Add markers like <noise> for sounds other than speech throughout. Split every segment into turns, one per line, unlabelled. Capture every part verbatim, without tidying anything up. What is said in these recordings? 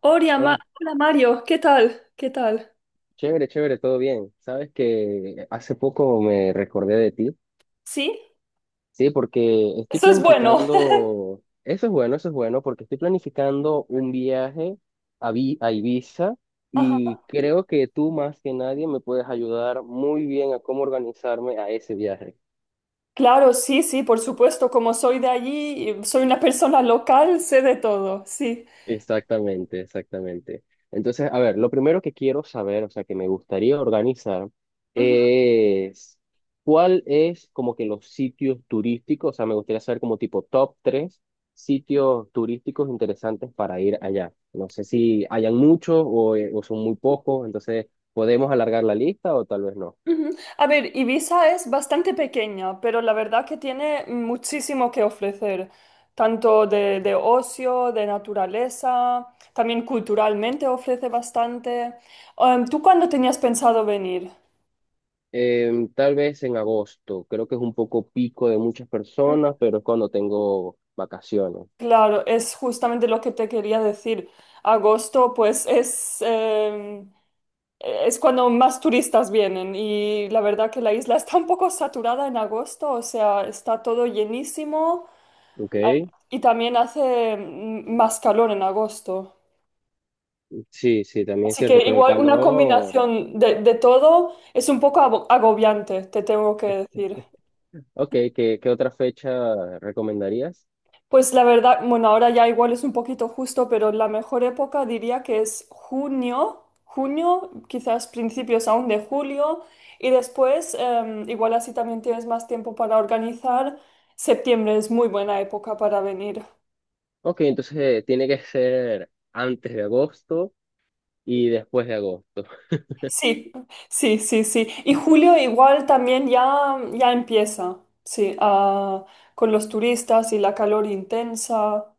Hola, Ma-
Hola,
hola Mario, ¿qué tal? ¿Qué tal?
chévere, chévere, todo bien. Sabes que hace poco me recordé de ti,
Sí,
sí, porque estoy
eso es bueno. <laughs>
planificando, eso es bueno, eso es bueno, porque estoy planificando un viaje a, Vi- a Ibiza, y
Ajá.
creo que tú más que nadie me puedes ayudar muy bien a cómo organizarme a ese viaje.
Claro, sí, sí, por supuesto, como soy de allí, y soy una persona local, sé de todo, sí.
Exactamente, exactamente. Entonces, a ver, lo primero que quiero saber, o sea, que me gustaría organizar,
Ujú,
es cuál es como que los sitios turísticos. O sea, me gustaría saber como tipo top tres sitios turísticos interesantes para ir allá. No sé si hayan muchos o, eh, o son muy pocos. Entonces podemos alargar la lista o tal vez no.
ujú. A ver, Ibiza es bastante pequeña, pero la verdad que tiene muchísimo que ofrecer, tanto de, de ocio, de naturaleza, también culturalmente ofrece bastante. Em, ¿tú cuándo tenías pensado venir?
Em, tal vez en agosto, creo que es un poco pico de muchas personas, pero es cuando tengo vacaciones.
Claro, es justamente lo que te quería decir. Agosto, pues es, em, es cuando más turistas vienen y la verdad que la isla está un poco saturada en agosto, o sea, está todo llenísimo
¿Ok?
y también hace mm, más calor en agosto.
Sí, sí, también es
Así
cierto,
que
pero el
igual una
calor.
combinación de, de todo es un poco abo- agobiante, te tengo que decir.
Ok, ¿qué, qué otra fecha recomendarías?
Pues la verdad, bueno, ahora ya igual es un poquito justo, pero la mejor época diría que es junio, junio, quizás principios aún de julio, y después, em, igual así también tienes más tiempo para organizar. Septiembre es muy buena época para venir.
Ok, entonces eh, tiene que ser antes de agosto y después de agosto. <laughs>
Sí, sí, sí, sí. Y julio igual también ya, ya empieza, sí, a- con los turistas y la calor intensa.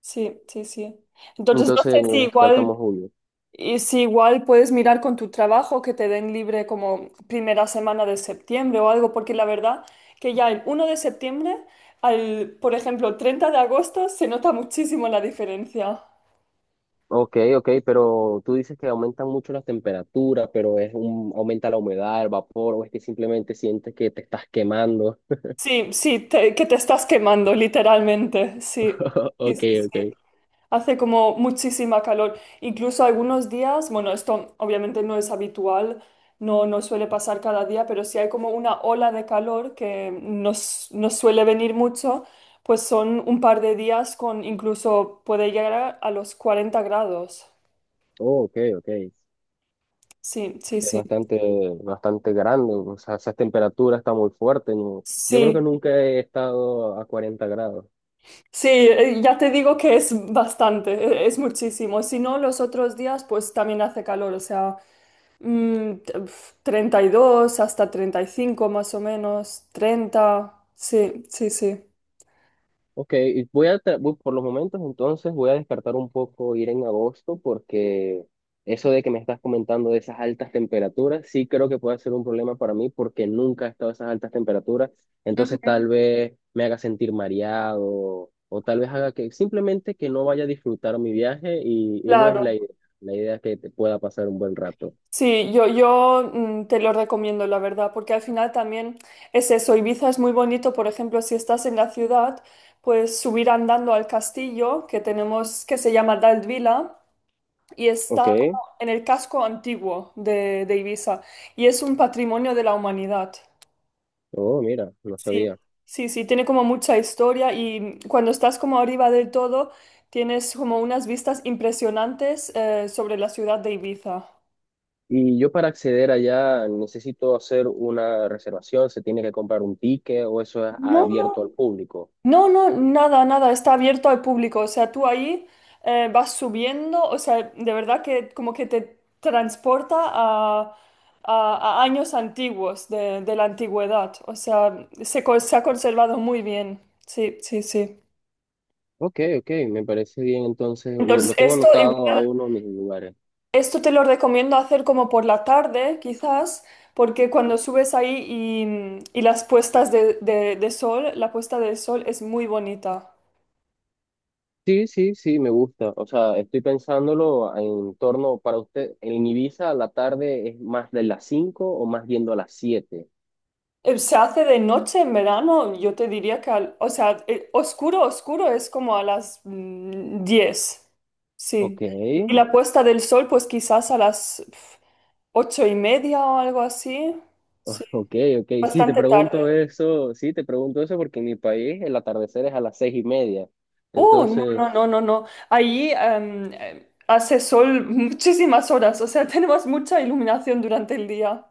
Sí, sí, sí. Entonces, no sé
Entonces nos
si
descartamos
igual.
julio.
Y si igual puedes mirar con tu trabajo que te den libre como primera semana de septiembre o algo, porque la verdad que ya el uno de septiembre al, por ejemplo, treinta de agosto se nota muchísimo la diferencia.
Ok, ok, pero tú dices que aumentan mucho las temperaturas, pero es un, aumenta la humedad, el vapor, o es que simplemente sientes que te estás quemando.
Sí, sí, te- que te estás quemando, literalmente. Sí,
<laughs>
sí,
Ok,
sí, sí.
ok.
Hace como muchísima calor. Incluso algunos días, bueno, esto obviamente no es habitual, no, no suele pasar cada día, pero si hay como una ola de calor que nos, nos suele venir mucho, pues son un par de días con incluso puede llegar a, a los cuarenta grados.
Oh, ok, ok.
Sí, sí,
Es
sí.
bastante, bastante grande. O sea, esa temperatura está muy fuerte, ¿no? Yo creo que
Sí,
nunca he estado a cuarenta grados.
sí, eh, ya te digo que es bastante, eh, es muchísimo. Si no, los otros días pues también hace calor, o sea... Mm, t- pf, treinta y dos hasta treinta y cinco más o menos, treinta, sí, sí, sí.
Ok, y voy a, tra- voy- por los momentos entonces voy a descartar un poco ir en agosto, porque eso de que me estás comentando de esas altas temperaturas, sí creo que puede ser un problema para mí, porque nunca he estado a esas altas temperaturas. Entonces
Ujú.
tal vez me haga sentir mareado, o tal vez haga que simplemente que no vaya a disfrutar mi viaje, y, y no es la
Claro,
idea. La idea es que te pueda pasar un buen rato.
sí, yo, yo mm, te lo recomiendo, la verdad, porque al final también es eso, Ibiza es muy bonito, por ejemplo, si estás en la ciudad, pues subir andando al castillo que tenemos, que se llama Daldvila, y está como
Ok,
en el casco antiguo de, de Ibiza, y es un patrimonio de la humanidad.
oh, mira, no
Sí,
sabía.
sí, sí, tiene como mucha historia y cuando estás como arriba del todo, tienes como unas vistas impresionantes eh, sobre la ciudad de Ibiza.
Y yo para acceder allá, ¿necesito hacer una reservación, se tiene que comprar un ticket, o eso es
No.
abierto al público?
No, no, nada, nada, está abierto al público, o sea, tú ahí eh, vas subiendo, o sea, de verdad que como que te transporta a, a- a años antiguos de, de la antigüedad, o sea, se, co- se ha conservado muy bien, sí, sí, sí.
Ok, ok, me parece bien. Entonces u-
Entonces,
lo tengo
esto
anotado a
igual.
uno de mis lugares.
Esto te lo recomiendo hacer como por la tarde, quizás, porque cuando subes ahí y, y las puestas de, de- de sol, la puesta de sol es muy bonita.
Sí, sí, sí, me gusta. O sea, estoy pensándolo en torno para usted, en Ibiza la tarde es más de las cinco o más yendo a las siete.
Eh, Se hace de noche en verano, yo te diría que, al- o sea, eh, oscuro, oscuro es como a las mm, diez,
Ok.
sí. Y la puesta del sol, pues quizás a las pf, ocho y media o algo así, sí,
<laughs> Ok, ok. Sí, te
bastante tarde.
pregunto eso, sí, te pregunto eso porque en mi país el atardecer es a las seis y media.
Oh, no,
Entonces,
no, no, no, no. Ahí em, em, hace sol muchísimas horas, o sea, <laughs> tenemos mucha iluminación durante el día.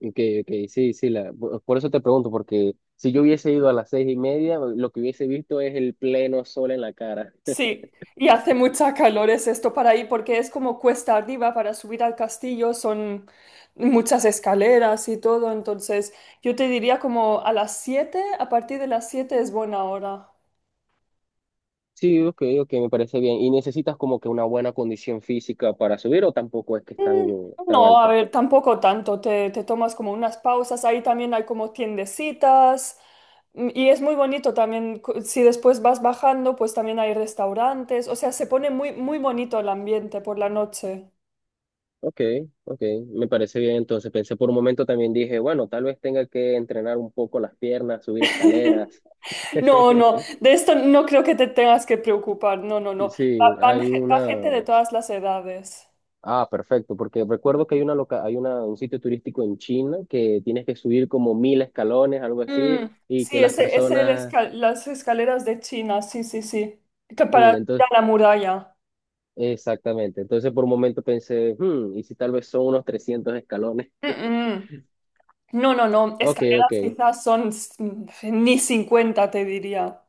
ok, ok, sí, sí, la, por por eso te pregunto, porque si yo hubiese ido a las seis y media, lo que hubiese visto es el pleno sol en la cara.
Sí, y hace mucha calor es esto para ahí porque es como cuesta arriba para subir al castillo, son muchas escaleras y todo, entonces yo te diría como a las siete, a partir de las siete es buena hora.
Sí, ok, ok, me parece bien. ¿Y necesitas como que una buena condición física para subir, o tampoco es que es tan,
Mm.
tan
No, a
alta?
ver, tampoco tanto. Te, te tomas como unas pausas. Ahí también hay como tiendecitas. mm, Y es muy bonito también. cu- Si después vas bajando, pues también hay restaurantes. O sea, se pone muy, muy bonito el ambiente por la noche.
Ok, ok, me parece bien. Entonces pensé por un momento, también dije, bueno, tal vez tenga que entrenar un poco las piernas, subir escaleras.
<laughs> No, no,
<laughs>
de esto no creo que te tengas que preocupar. No, no, no. Va,
Sí,
van
hay
ge- va gente
una.
de todas las edades.
Ah, perfecto, porque recuerdo que hay una loca... hay una... un sitio turístico en China que tienes que subir como mil escalones, algo así,
Mm,
y que
sí,
las
ese, ese el
personas.
esca- las escaleras de China. Sí, sí, sí. Que para
Sí,
ir
entonces,
a la muralla.
exactamente. Entonces por un momento pensé, hmm, ¿y si tal vez son unos trescientos escalones?
Mm, mm. No, no, no,
Ok, ok.
escaleras quizás son s- ni cincuenta, te diría.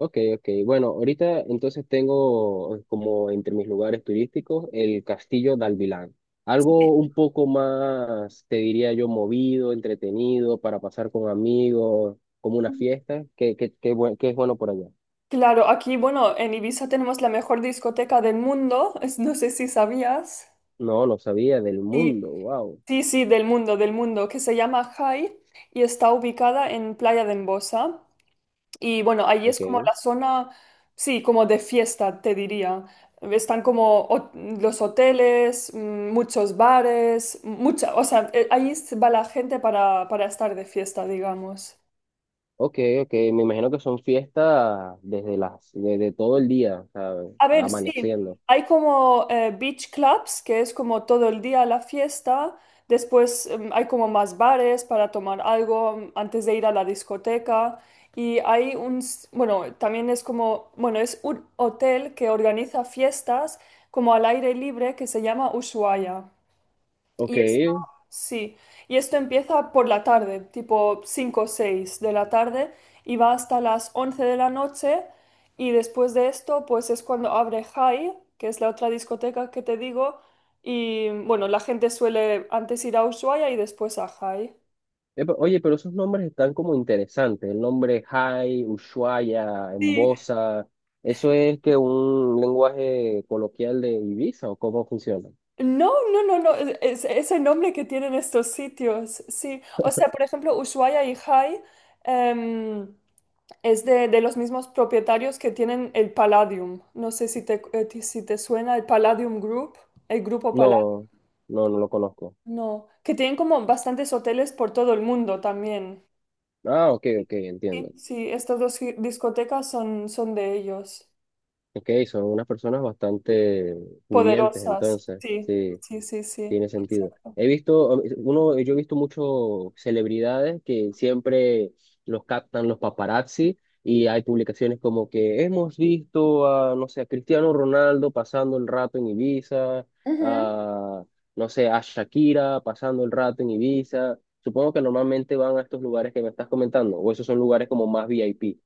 Ok, ok. Bueno, ahorita entonces tengo eh, como entre mis lugares turísticos el Castillo de Alvilán. Algo un poco más, te diría yo, movido, entretenido, para pasar con amigos, como una fiesta. ¿Qué, qué, qué, buen- qué es bueno por allá?
Claro, aquí, bueno, en Ibiza tenemos la mejor discoteca del mundo, es- no sé si sabías.
No, no sabía del
Sí,
mundo. Wow.
sí, sí, del mundo, del mundo, que se llama Jai y está ubicada en Playa de Embosa. Y bueno, ahí es como
Ok,
la zona, sí, como de fiesta, te diría. Están como ho- los hoteles, mm, muchos bares, mucha, o sea, eh, ahí va la gente para, para estar de fiesta, digamos.
ok, ok. Me imagino que son fiestas desde las, desde todo el día, ¿sabes?
A ver, sí,
Amaneciendo.
hay como eh, beach clubs, que es como todo el día la fiesta, después em, hay como más bares para tomar algo mm, antes de ir a la discoteca y hay un, s- bueno, también es como, bueno, es un hotel que organiza fiestas como al aire libre que se llama Ushuaia.
Ok,
Y esto, sí, y esto empieza por la tarde, tipo cinco o seis de la tarde, y va hasta las once de la noche, y después de esto, pues es cuando abre High, que es la otra discoteca que te digo, y bueno, la gente suele antes ir a Ushuaia y después a High.
epa, oye, pero esos nombres están como interesantes. El nombre Hai, Ushuaia,
Sí.
Embosa, ¿eso es que un lenguaje coloquial de Ibiza o cómo funciona?
No, no, no, no, es, es- es el nombre que tienen estos sitios, sí. O sea, por ejemplo, Ushuaia y High em, Es de, de los mismos propietarios que tienen el Palladium. No sé si te, eh, ti- si te suena el Palladium Group, el grupo Palladium.
No, no, no lo conozco.
No, que tienen como bastantes hoteles por todo el mundo también.
Ah, ok, ok,
Sí,
entiendo.
sí, estas dos gi- discotecas son, son de ellos.
Ok, son unas personas bastante pudientes
Poderosas,
entonces,
sí,
sí.
sí, sí, sí.
Tiene sentido. He visto, um, uno, yo he visto muchos celebridades que siempre los captan los paparazzi, y hay publicaciones como que hemos visto a, no sé, a Cristiano Ronaldo pasando el rato en Ibiza,
Ujú.
a, no sé, a Shakira pasando el rato en Ibiza. Supongo que normalmente van a estos lugares que me estás comentando, o esos son lugares como más VIP.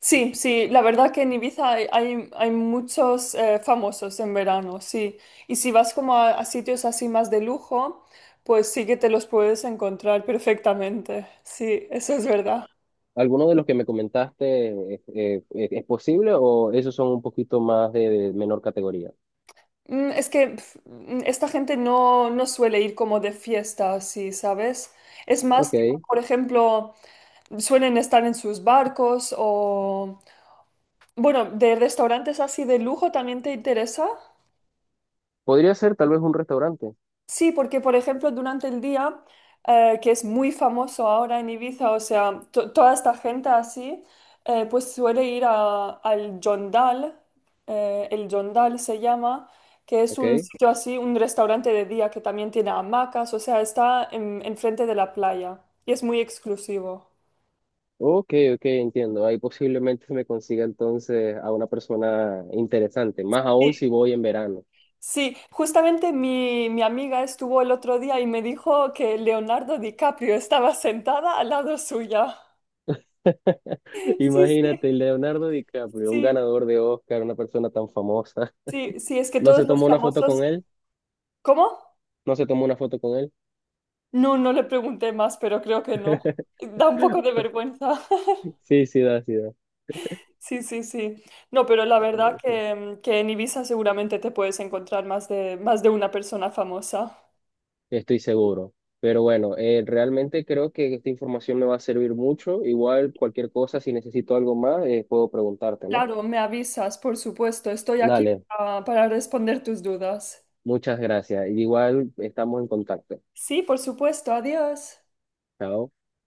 Sí, sí, la verdad que en Ibiza hay, hay, hay muchos eh, famosos en verano, sí. Y si vas como a, a sitios así más de lujo, pues sí que te los puedes encontrar perfectamente. Sí, eso es verdad.
¿Alguno de los que me comentaste eh, eh, es posible, o esos son un poquito más de de menor categoría?
Mm, Es que pf, mm, esta gente no, no suele ir como de fiesta así, ¿sabes? Es más, tipo,
Ok.
por ejemplo, suelen estar en sus barcos o... Bueno, ¿de restaurantes así de lujo también te interesa?
Podría ser tal vez un restaurante.
Sí, porque por ejemplo durante el día, eh, que es muy famoso ahora en Ibiza, o sea, to- toda esta gente así, eh, pues suele ir a- al Jondal, eh, el Jondal se llama, que es
¿Ok?
un sitio así, un restaurante de día que también tiene hamacas, o sea, está en, enfrente de la playa y es muy exclusivo.
Ok, ok, entiendo. Ahí posiblemente se me consiga entonces a una persona interesante, más
Sí,
aún si voy en verano.
sí, justamente mi, mi amiga estuvo el otro día y me dijo que Leonardo DiCaprio estaba sentada al lado suya.
<laughs>
<laughs> Sí, sí,
Imagínate, Leonardo DiCaprio, un
sí.
ganador de Oscar, una persona tan famosa.
Sí, sí, es que
¿No se
todos los
tomó una foto con
famosos...
él?
¿Cómo?
¿No se tomó una foto con él?
No, no le pregunté más, pero creo que no. Da un poco de vergüenza. <laughs>
Sí, sí da, sí da.
Sí, sí, sí. No, pero la verdad
Ok.
que, mm, que en Ibiza seguramente te puedes encontrar más de, más de una persona famosa.
Estoy seguro. Pero bueno, eh, realmente creo que esta información me va a servir mucho. Igual cualquier cosa, si necesito algo más, eh, puedo preguntarte, ¿no?
Claro, me avisas, por supuesto. Estoy aquí
Dale.
para, para responder tus dudas.
Muchas gracias. Igual estamos en contacto.
Sí, por supuesto. Adiós.
Chao.